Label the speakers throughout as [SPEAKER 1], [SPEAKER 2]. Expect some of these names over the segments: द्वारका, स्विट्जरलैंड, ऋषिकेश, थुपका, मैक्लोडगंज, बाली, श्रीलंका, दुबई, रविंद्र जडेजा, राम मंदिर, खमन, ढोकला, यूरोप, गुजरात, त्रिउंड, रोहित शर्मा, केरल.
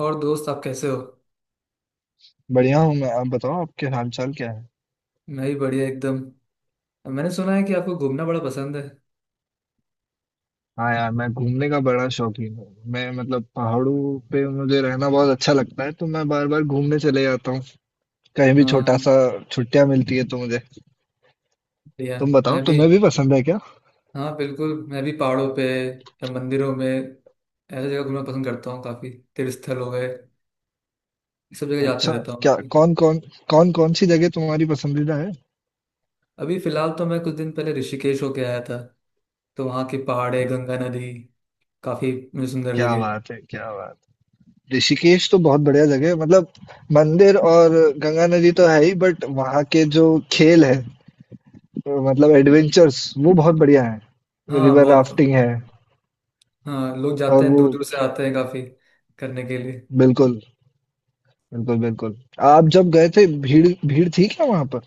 [SPEAKER 1] और दोस्त, आप कैसे हो?
[SPEAKER 2] बढ़िया हूँ मैं। आप बताओ आपके हाल चाल क्या है।
[SPEAKER 1] मैं भी बढ़िया एकदम। मैंने सुना है कि आपको घूमना बड़ा पसंद है।
[SPEAKER 2] हाँ यार, मैं घूमने का बड़ा शौकीन हूँ। मैं, मतलब पहाड़ों पे मुझे रहना बहुत अच्छा लगता है, तो मैं बार बार घूमने चले जाता हूँ। कहीं भी छोटा
[SPEAKER 1] हाँ।
[SPEAKER 2] सा छुट्टियां मिलती है तो मुझे।
[SPEAKER 1] बढ़िया।
[SPEAKER 2] तुम बताओ,
[SPEAKER 1] मैं भी।
[SPEAKER 2] तुम्हें भी पसंद है क्या?
[SPEAKER 1] हाँ बिल्कुल, मैं भी पहाड़ों पे या मंदिरों में ऐसी जगह घूमना पसंद करता हूँ काफ़ी। तीर्थ स्थल हो गए ये, सब जगह जाते
[SPEAKER 2] अच्छा।
[SPEAKER 1] रहता हूँ मैं
[SPEAKER 2] क्या
[SPEAKER 1] भी।
[SPEAKER 2] कौन कौन कौन कौन सी जगह तुम्हारी पसंदीदा है?
[SPEAKER 1] अभी फिलहाल तो मैं कुछ दिन पहले ऋषिकेश होके आया था, तो वहाँ की पहाड़े, गंगा नदी काफ़ी मुझे सुंदर
[SPEAKER 2] क्या
[SPEAKER 1] लगे।
[SPEAKER 2] बात है! क्या बात ऋषिकेश तो बहुत बढ़िया जगह है। मतलब मंदिर और गंगा नदी तो है ही, बट वहाँ के जो खेल है, मतलब एडवेंचर्स, वो बहुत बढ़िया है।
[SPEAKER 1] हाँ
[SPEAKER 2] रिवर
[SPEAKER 1] बहुत।
[SPEAKER 2] राफ्टिंग है।
[SPEAKER 1] हाँ, लोग जाते
[SPEAKER 2] और
[SPEAKER 1] हैं,
[SPEAKER 2] वो
[SPEAKER 1] दूर दूर से आते हैं काफ़ी करने के लिए।
[SPEAKER 2] बिल्कुल, बिल्कुल, बिल्कुल। आप जब गए थे भीड़ भीड़ थी क्या वहाँ पर?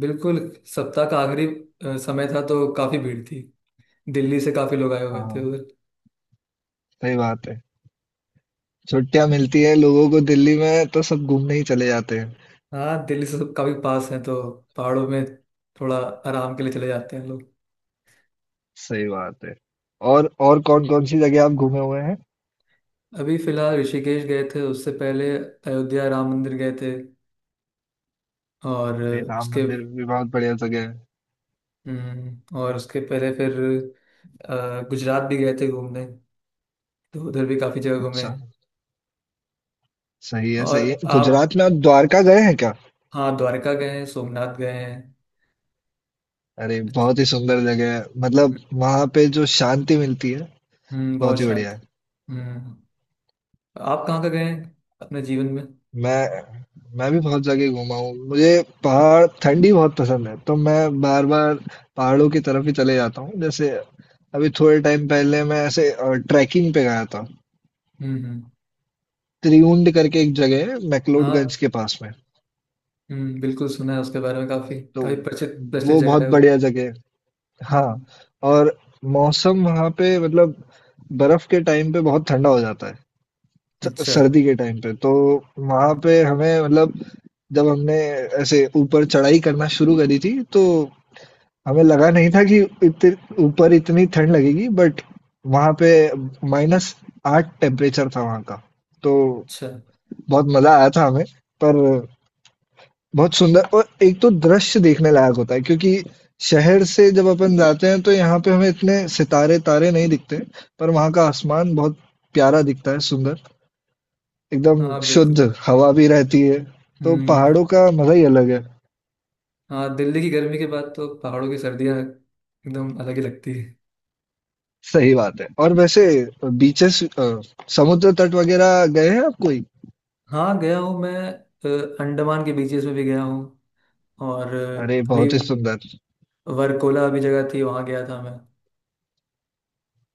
[SPEAKER 1] बिल्कुल। सप्ताह का आखिरी समय था तो काफ़ी भीड़ थी। दिल्ली से काफी लोग आए हुए थे
[SPEAKER 2] हाँ,
[SPEAKER 1] उधर।
[SPEAKER 2] सही बात है। छुट्टियाँ मिलती हैं लोगों को दिल्ली में तो सब घूमने ही चले जाते हैं।
[SPEAKER 1] हाँ, दिल्ली से सब काफी पास है तो पहाड़ों में थोड़ा आराम के लिए चले जाते हैं लोग।
[SPEAKER 2] सही बात है। और कौन-कौन सी जगह आप घूमे हुए हैं?
[SPEAKER 1] अभी फिलहाल ऋषिकेश गए थे, उससे पहले अयोध्या राम मंदिर गए थे, और
[SPEAKER 2] अरे राम
[SPEAKER 1] उसके।
[SPEAKER 2] मंदिर भी बहुत बढ़िया जगह है।
[SPEAKER 1] और उसके पहले फिर गुजरात भी गए थे घूमने, तो उधर भी काफी जगह घूमे।
[SPEAKER 2] अच्छा, सही है,
[SPEAKER 1] और
[SPEAKER 2] सही है।
[SPEAKER 1] आप।
[SPEAKER 2] गुजरात में आप द्वारका गए हैं क्या?
[SPEAKER 1] हाँ, द्वारका गए हैं, सोमनाथ गए हैं।
[SPEAKER 2] अरे बहुत ही सुंदर जगह है।
[SPEAKER 1] हम्म।
[SPEAKER 2] मतलब वहाँ पे जो शांति मिलती है,
[SPEAKER 1] बहुत
[SPEAKER 2] बहुत ही
[SPEAKER 1] शांत।
[SPEAKER 2] बढ़िया है।
[SPEAKER 1] हम्म। आप कहाँ का गए हैं अपने जीवन में?
[SPEAKER 2] मैं मैं भी बहुत जगह घूमा हूँ। मुझे पहाड़, ठंडी बहुत पसंद है तो मैं बार बार पहाड़ों की तरफ ही चले जाता हूँ। जैसे अभी थोड़े टाइम पहले मैं ऐसे ट्रैकिंग पे गया था।
[SPEAKER 1] हम्म।
[SPEAKER 2] त्रिउंड करके एक जगह है मैक्लोडगंज
[SPEAKER 1] हाँ।
[SPEAKER 2] के पास में।
[SPEAKER 1] बिल्कुल, सुना है उसके बारे में, काफी
[SPEAKER 2] तो
[SPEAKER 1] काफी प्रचलित प्रचलित
[SPEAKER 2] वो बहुत
[SPEAKER 1] जगह है वो।
[SPEAKER 2] बढ़िया जगह है,
[SPEAKER 1] हम्म,
[SPEAKER 2] हाँ। और मौसम वहाँ पे, मतलब बर्फ के टाइम पे बहुत ठंडा हो जाता है,
[SPEAKER 1] अच्छा।
[SPEAKER 2] सर्दी के टाइम पे तो वहाँ पे हमें, मतलब जब हमने ऐसे ऊपर चढ़ाई करना शुरू करी थी, तो हमें लगा नहीं था कि ऊपर इतनी ठंड लगेगी, बट वहां पे -8 टेम्परेचर था वहां का। तो
[SPEAKER 1] अच्छा।
[SPEAKER 2] बहुत मजा आया था हमें। पर बहुत सुंदर, और एक तो दृश्य देखने लायक होता है क्योंकि शहर से जब अपन जाते हैं तो यहाँ पे हमें इतने सितारे तारे नहीं दिखते, पर वहाँ का आसमान बहुत प्यारा दिखता है, सुंदर एकदम।
[SPEAKER 1] हाँ बिल्कुल।
[SPEAKER 2] शुद्ध हवा भी रहती है, तो
[SPEAKER 1] हम्म।
[SPEAKER 2] पहाड़ों का मजा ही अलग है।
[SPEAKER 1] हाँ, दिल्ली की गर्मी के बाद तो पहाड़ों की सर्दियाँ एकदम अलग ही लगती है।
[SPEAKER 2] सही बात है। और वैसे बीचेस, समुद्र तट वगैरह गए हैं आप कोई?
[SPEAKER 1] हाँ, गया हूँ मैं। अंडमान के बीचेस में भी गया हूँ। और
[SPEAKER 2] अरे
[SPEAKER 1] अभी
[SPEAKER 2] बहुत ही सुंदर!
[SPEAKER 1] वरकोला अभी जगह थी, वहाँ गया था मैं।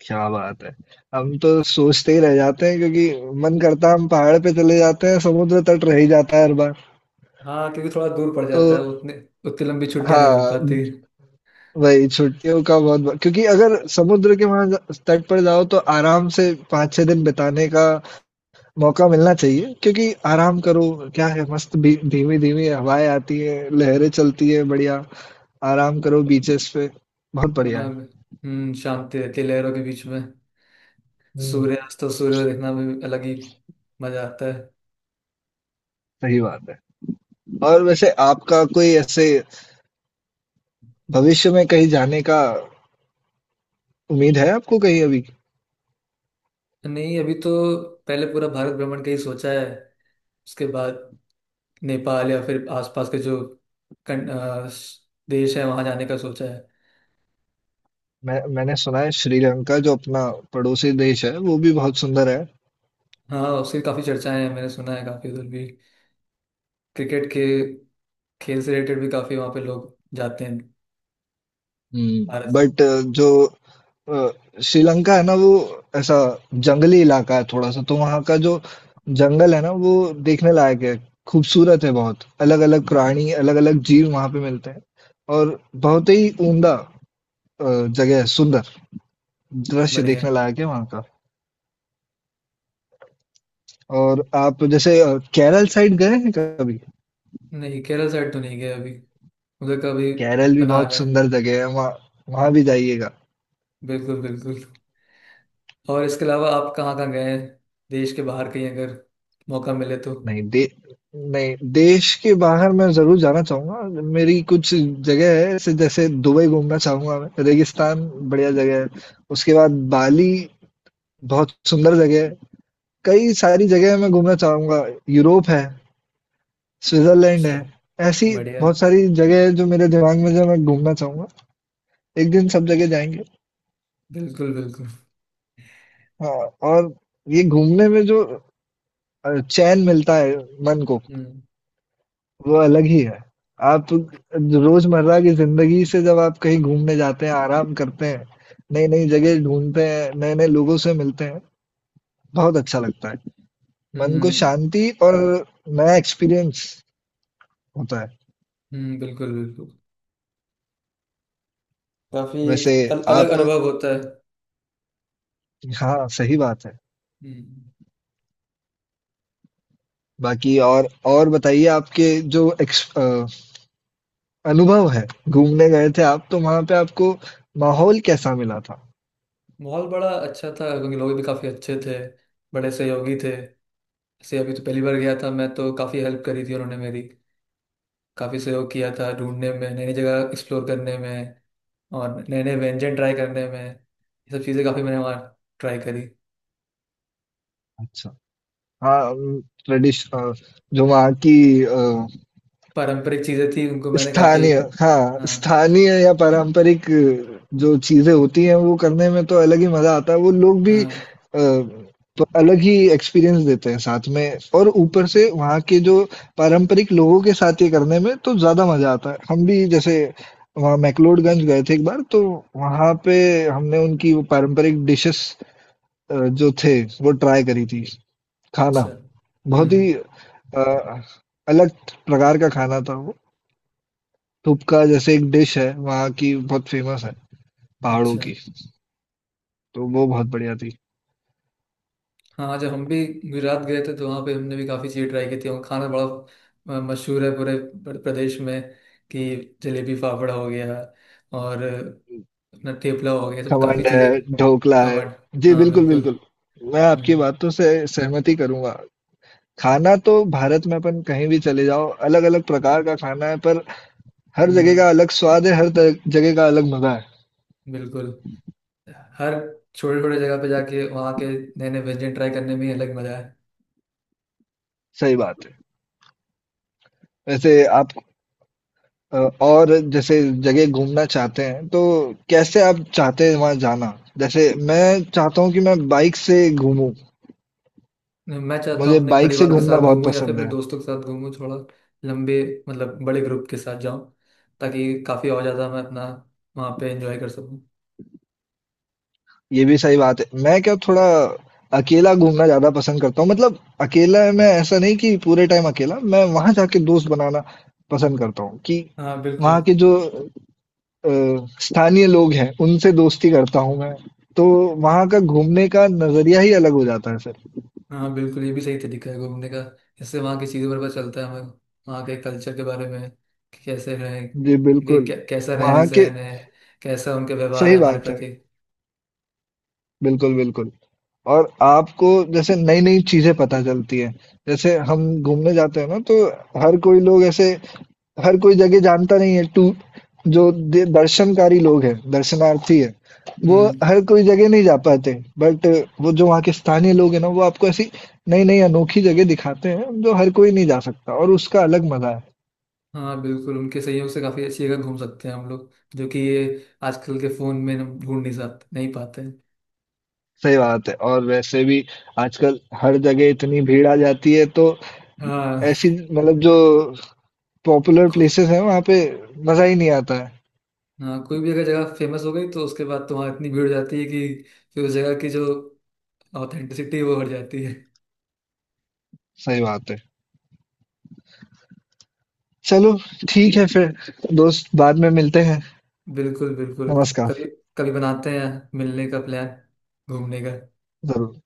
[SPEAKER 2] क्या बात है! हम तो सोचते ही रह जाते हैं क्योंकि मन करता है हम पहाड़ पे चले जाते हैं, समुद्र तट रह ही जाता है हर बार।
[SPEAKER 1] हाँ क्योंकि थोड़ा दूर पड़
[SPEAKER 2] तो
[SPEAKER 1] जाता है, उतने, उतनी लंबी छुट्टियाँ नहीं मिल
[SPEAKER 2] हाँ,
[SPEAKER 1] पाती।
[SPEAKER 2] वही छुट्टियों का बहुत बड़ा, क्योंकि अगर समुद्र के वहां तट पर जाओ तो आराम से पाँच छह दिन बिताने का मौका मिलना चाहिए, क्योंकि आराम करो। क्या है मस्त भी, धीमी धीमी हवाएं आती है, लहरें चलती है, बढ़िया। आराम करो बीचेस पे। बहुत बढ़िया
[SPEAKER 1] हाँ।
[SPEAKER 2] है।
[SPEAKER 1] हम्म, शांति रहती है लहरों के बीच में।
[SPEAKER 2] हम्म।
[SPEAKER 1] सूर्यास्त और सूर्य देखना भी अलग ही मजा आता है।
[SPEAKER 2] सही बात है। और वैसे आपका कोई ऐसे भविष्य में कहीं जाने का उम्मीद है आपको कहीं अभी?
[SPEAKER 1] नहीं, अभी तो पहले पूरा भारत भ्रमण का ही सोचा है। उसके बाद नेपाल या फिर आसपास के जो कन, अ, स- देश है वहां जाने का सोचा है।
[SPEAKER 2] मैंने सुना है श्रीलंका जो अपना पड़ोसी देश है, वो भी बहुत सुंदर है।
[SPEAKER 1] हाँ, उसकी काफी चर्चाएं हैं, मैंने सुना है। काफी उधर भी क्रिकेट के खेल से रिलेटेड भी काफी वहां पे लोग जाते हैं।
[SPEAKER 2] हम्म,
[SPEAKER 1] भारत
[SPEAKER 2] बट जो अ, श्रीलंका है ना, वो ऐसा जंगली इलाका है थोड़ा सा। तो वहाँ का जो जंगल है ना, वो देखने लायक है, खूबसूरत है। बहुत अलग अलग प्राणी, अलग अलग जीव वहाँ पे मिलते हैं। और बहुत ही उम्दा जगह है, सुंदर।
[SPEAKER 1] से।
[SPEAKER 2] दृश्य
[SPEAKER 1] बढ़िया है।
[SPEAKER 2] देखने लायक है वहाँ का। और आप जैसे केरल साइड गए हैं कभी?
[SPEAKER 1] नहीं, केरल साइड तो नहीं गए अभी। उधर का भी
[SPEAKER 2] केरल भी
[SPEAKER 1] बना
[SPEAKER 2] बहुत
[SPEAKER 1] रहे हैं।
[SPEAKER 2] सुंदर जगह है। वहाँ वहाँ भी जाइएगा।
[SPEAKER 1] बिल्कुल बिल्कुल। और इसके अलावा आप कहाँ कहाँ गए हैं देश के बाहर? कहीं अगर मौका मिले तो।
[SPEAKER 2] नहीं दे नहीं, देश के बाहर मैं जरूर जाना चाहूंगा। मेरी कुछ जगह है ऐसे, जैसे दुबई घूमना चाहूंगा मैं, रेगिस्तान बढ़िया जगह है। उसके बाद बाली, बहुत सुंदर जगह है। कई सारी जगह मैं घूमना चाहूंगा। यूरोप है, स्विट्जरलैंड
[SPEAKER 1] अच्छा।
[SPEAKER 2] है। ऐसी
[SPEAKER 1] बढ़िया है।
[SPEAKER 2] बहुत सारी जगह है जो मेरे दिमाग में, जो मैं घूमना चाहूंगा। एक दिन सब जगह जाएंगे।
[SPEAKER 1] बिल्कुल बिल्कुल।
[SPEAKER 2] हाँ। और ये घूमने में जो चैन मिलता है मन को,
[SPEAKER 1] हम्म।
[SPEAKER 2] वो अलग ही है। आप रोजमर्रा की जिंदगी से जब आप कहीं घूमने जाते हैं, आराम करते हैं, नई-नई जगह ढूँढते हैं, नए-नए लोगों से मिलते हैं, बहुत अच्छा लगता है। मन को
[SPEAKER 1] हम्म।
[SPEAKER 2] शांति और नया एक्सपीरियंस होता है।
[SPEAKER 1] बिल्कुल बिल्कुल, काफी एक
[SPEAKER 2] वैसे
[SPEAKER 1] अलग
[SPEAKER 2] आप
[SPEAKER 1] अनुभव होता है।
[SPEAKER 2] हाँ, सही बात है।
[SPEAKER 1] हम्म।
[SPEAKER 2] बाकी और बताइए, आपके जो अनुभव है, घूमने गए थे आप, तो वहाँ पे आपको माहौल कैसा मिला था?
[SPEAKER 1] माहौल बड़ा अच्छा था, क्योंकि लोग भी काफी अच्छे थे, बड़े सहयोगी थे। ऐसे अभी तो पहली बार गया था मैं, तो काफी हेल्प करी थी उन्होंने मेरी, काफी सहयोग किया था ढूंढने में, नई नई जगह एक्सप्लोर करने में और नए नए व्यंजन ट्राई करने में। ये सब चीजें काफी मैंने वहाँ ट्राई करी।
[SPEAKER 2] अच्छा। हाँ, जो वहाँ की अ
[SPEAKER 1] पारंपरिक चीजें थी, उनको मैंने काफी।
[SPEAKER 2] स्थानीय, हाँ,
[SPEAKER 1] हाँ।
[SPEAKER 2] स्थानीय या पारंपरिक जो चीज़ें होती हैं, वो करने में तो अलग ही मज़ा आता है। वो लोग भी
[SPEAKER 1] हाँ।
[SPEAKER 2] तो अलग ही एक्सपीरियंस देते हैं साथ में, और ऊपर से वहाँ के जो पारंपरिक लोगों के साथ ये करने में तो ज़्यादा मज़ा आता है। हम भी जैसे वहाँ मैक्लोडगंज गए थे एक बार, तो वहाँ पे हमने उनकी वो पारंपरिक डिशेज़, जो थे, वो ट्राई करी थी,
[SPEAKER 1] अच्छा।
[SPEAKER 2] खाना। बहुत ही अलग प्रकार का खाना था वो। थुपका जैसे एक डिश है वहाँ की, बहुत फेमस है पहाड़ों
[SPEAKER 1] अच्छा।
[SPEAKER 2] की। तो वो बहुत बढ़िया थी।
[SPEAKER 1] हाँ, जब हम भी गुजरात गए थे तो वहाँ पे हमने भी काफ़ी चीज़ें ट्राई की थी, और खाना बड़ा मशहूर है पूरे प्रदेश में, कि जलेबी फाफड़ा हो गया, और अपना ठेपला हो गया, तो
[SPEAKER 2] खमन
[SPEAKER 1] काफ़ी चीज़ें।
[SPEAKER 2] है, ढोकला है।
[SPEAKER 1] खमण।
[SPEAKER 2] जी
[SPEAKER 1] हाँ
[SPEAKER 2] बिल्कुल,
[SPEAKER 1] बिल्कुल।
[SPEAKER 2] बिल्कुल। मैं आपकी
[SPEAKER 1] हम्म
[SPEAKER 2] बातों से सहमति करूंगा। खाना तो भारत में अपन कहीं भी चले जाओ, अलग अलग प्रकार का खाना है, पर हर जगह
[SPEAKER 1] हम्म।
[SPEAKER 2] का अलग स्वाद है, हर जगह का अलग मजा है।
[SPEAKER 1] बिल्कुल। हर छोटे छोटे जगह पे जाके वहाँ के नए नए व्यंजन ट्राई करने में ही अलग मज़ा है।
[SPEAKER 2] सही बात है। वैसे आप और जैसे जगह घूमना चाहते हैं तो कैसे आप चाहते हैं वहां जाना? जैसे मैं चाहता हूँ कि मैं बाइक से घूमूं।
[SPEAKER 1] मैं चाहता हूँ
[SPEAKER 2] मुझे
[SPEAKER 1] अपने
[SPEAKER 2] बाइक से
[SPEAKER 1] परिवार के
[SPEAKER 2] घूमना
[SPEAKER 1] साथ
[SPEAKER 2] बहुत
[SPEAKER 1] घूमूं या फिर
[SPEAKER 2] पसंद
[SPEAKER 1] अपने
[SPEAKER 2] है।
[SPEAKER 1] दोस्तों के साथ घूमूं। थोड़ा लंबे, मतलब बड़े ग्रुप के साथ जाऊं, ताकि काफ़ी और ज़्यादा मैं अपना वहाँ पे एंजॉय कर सकूं।
[SPEAKER 2] ये भी सही बात है। मैं क्या, थोड़ा अकेला घूमना ज़्यादा पसंद करता हूँ। मतलब अकेला मैं ऐसा नहीं कि पूरे टाइम अकेला, मैं वहाँ जाके दोस्त बनाना पसंद करता हूँ, कि
[SPEAKER 1] हाँ
[SPEAKER 2] वहाँ
[SPEAKER 1] बिल्कुल।
[SPEAKER 2] के जो अ, स्थानीय लोग हैं, उनसे दोस्ती करता हूँ मैं। तो वहाँ का घूमने का नज़रिया ही अलग हो जाता है फिर।
[SPEAKER 1] हाँ बिल्कुल, ये भी सही तरीका है घूमने का। इससे वहाँ की चीज़ों पर पता चलता है हमें, वहाँ के कल्चर के बारे में, कि कैसे रहें,
[SPEAKER 2] जी,
[SPEAKER 1] कि
[SPEAKER 2] बिल्कुल।
[SPEAKER 1] कैसा रहन
[SPEAKER 2] वहाँ के
[SPEAKER 1] सहन है, कैसा उनका व्यवहार
[SPEAKER 2] सही
[SPEAKER 1] है हमारे
[SPEAKER 2] बात है।
[SPEAKER 1] प्रति।
[SPEAKER 2] बिल्कुल, बिल्कुल। और आपको जैसे नई-नई चीज़ें पता चलती हैं। जैसे हम घूमने जाते हैं ना, तो हर कोई लोग ऐसे हर कोई जगह जानता नहीं है टू। जो दर्शनकारी लोग हैं, दर्शनार्थी है, वो
[SPEAKER 1] हम्म।
[SPEAKER 2] हर कोई जगह नहीं जा पाते, बट वो जो वहाँ के स्थानीय लोग हैं ना, वो आपको ऐसी नई नई अनोखी जगह दिखाते हैं जो हर कोई नहीं जा सकता, और उसका अलग मजा है।
[SPEAKER 1] हाँ बिल्कुल, उनके सहयोग से काफ़ी अच्छी जगह घूम सकते हैं हम लोग, जो कि ये आजकल के फ़ोन में हम ढूंढ नहीं सकते, नहीं पाते हैं।
[SPEAKER 2] सही बात है। और वैसे भी आजकल हर जगह इतनी भीड़ आ जाती है, तो
[SPEAKER 1] हाँ।
[SPEAKER 2] ऐसी, मतलब जो पॉपुलर प्लेसेस हैं वहाँ पे मजा ही नहीं आता है।
[SPEAKER 1] हाँ, कोई भी अगर जगह फेमस हो गई तो उसके बाद तो वहाँ इतनी भीड़ हो जाती है कि फिर उस जगह की जो ऑथेंटिसिटी है वो हट जाती है।
[SPEAKER 2] सही बात है। चलो ठीक है फिर, दोस्त बाद में मिलते हैं।
[SPEAKER 1] बिल्कुल बिल्कुल।
[SPEAKER 2] नमस्कार।
[SPEAKER 1] कभी, कभी बनाते हैं मिलने का प्लान, घूमने का।
[SPEAKER 2] जरूर।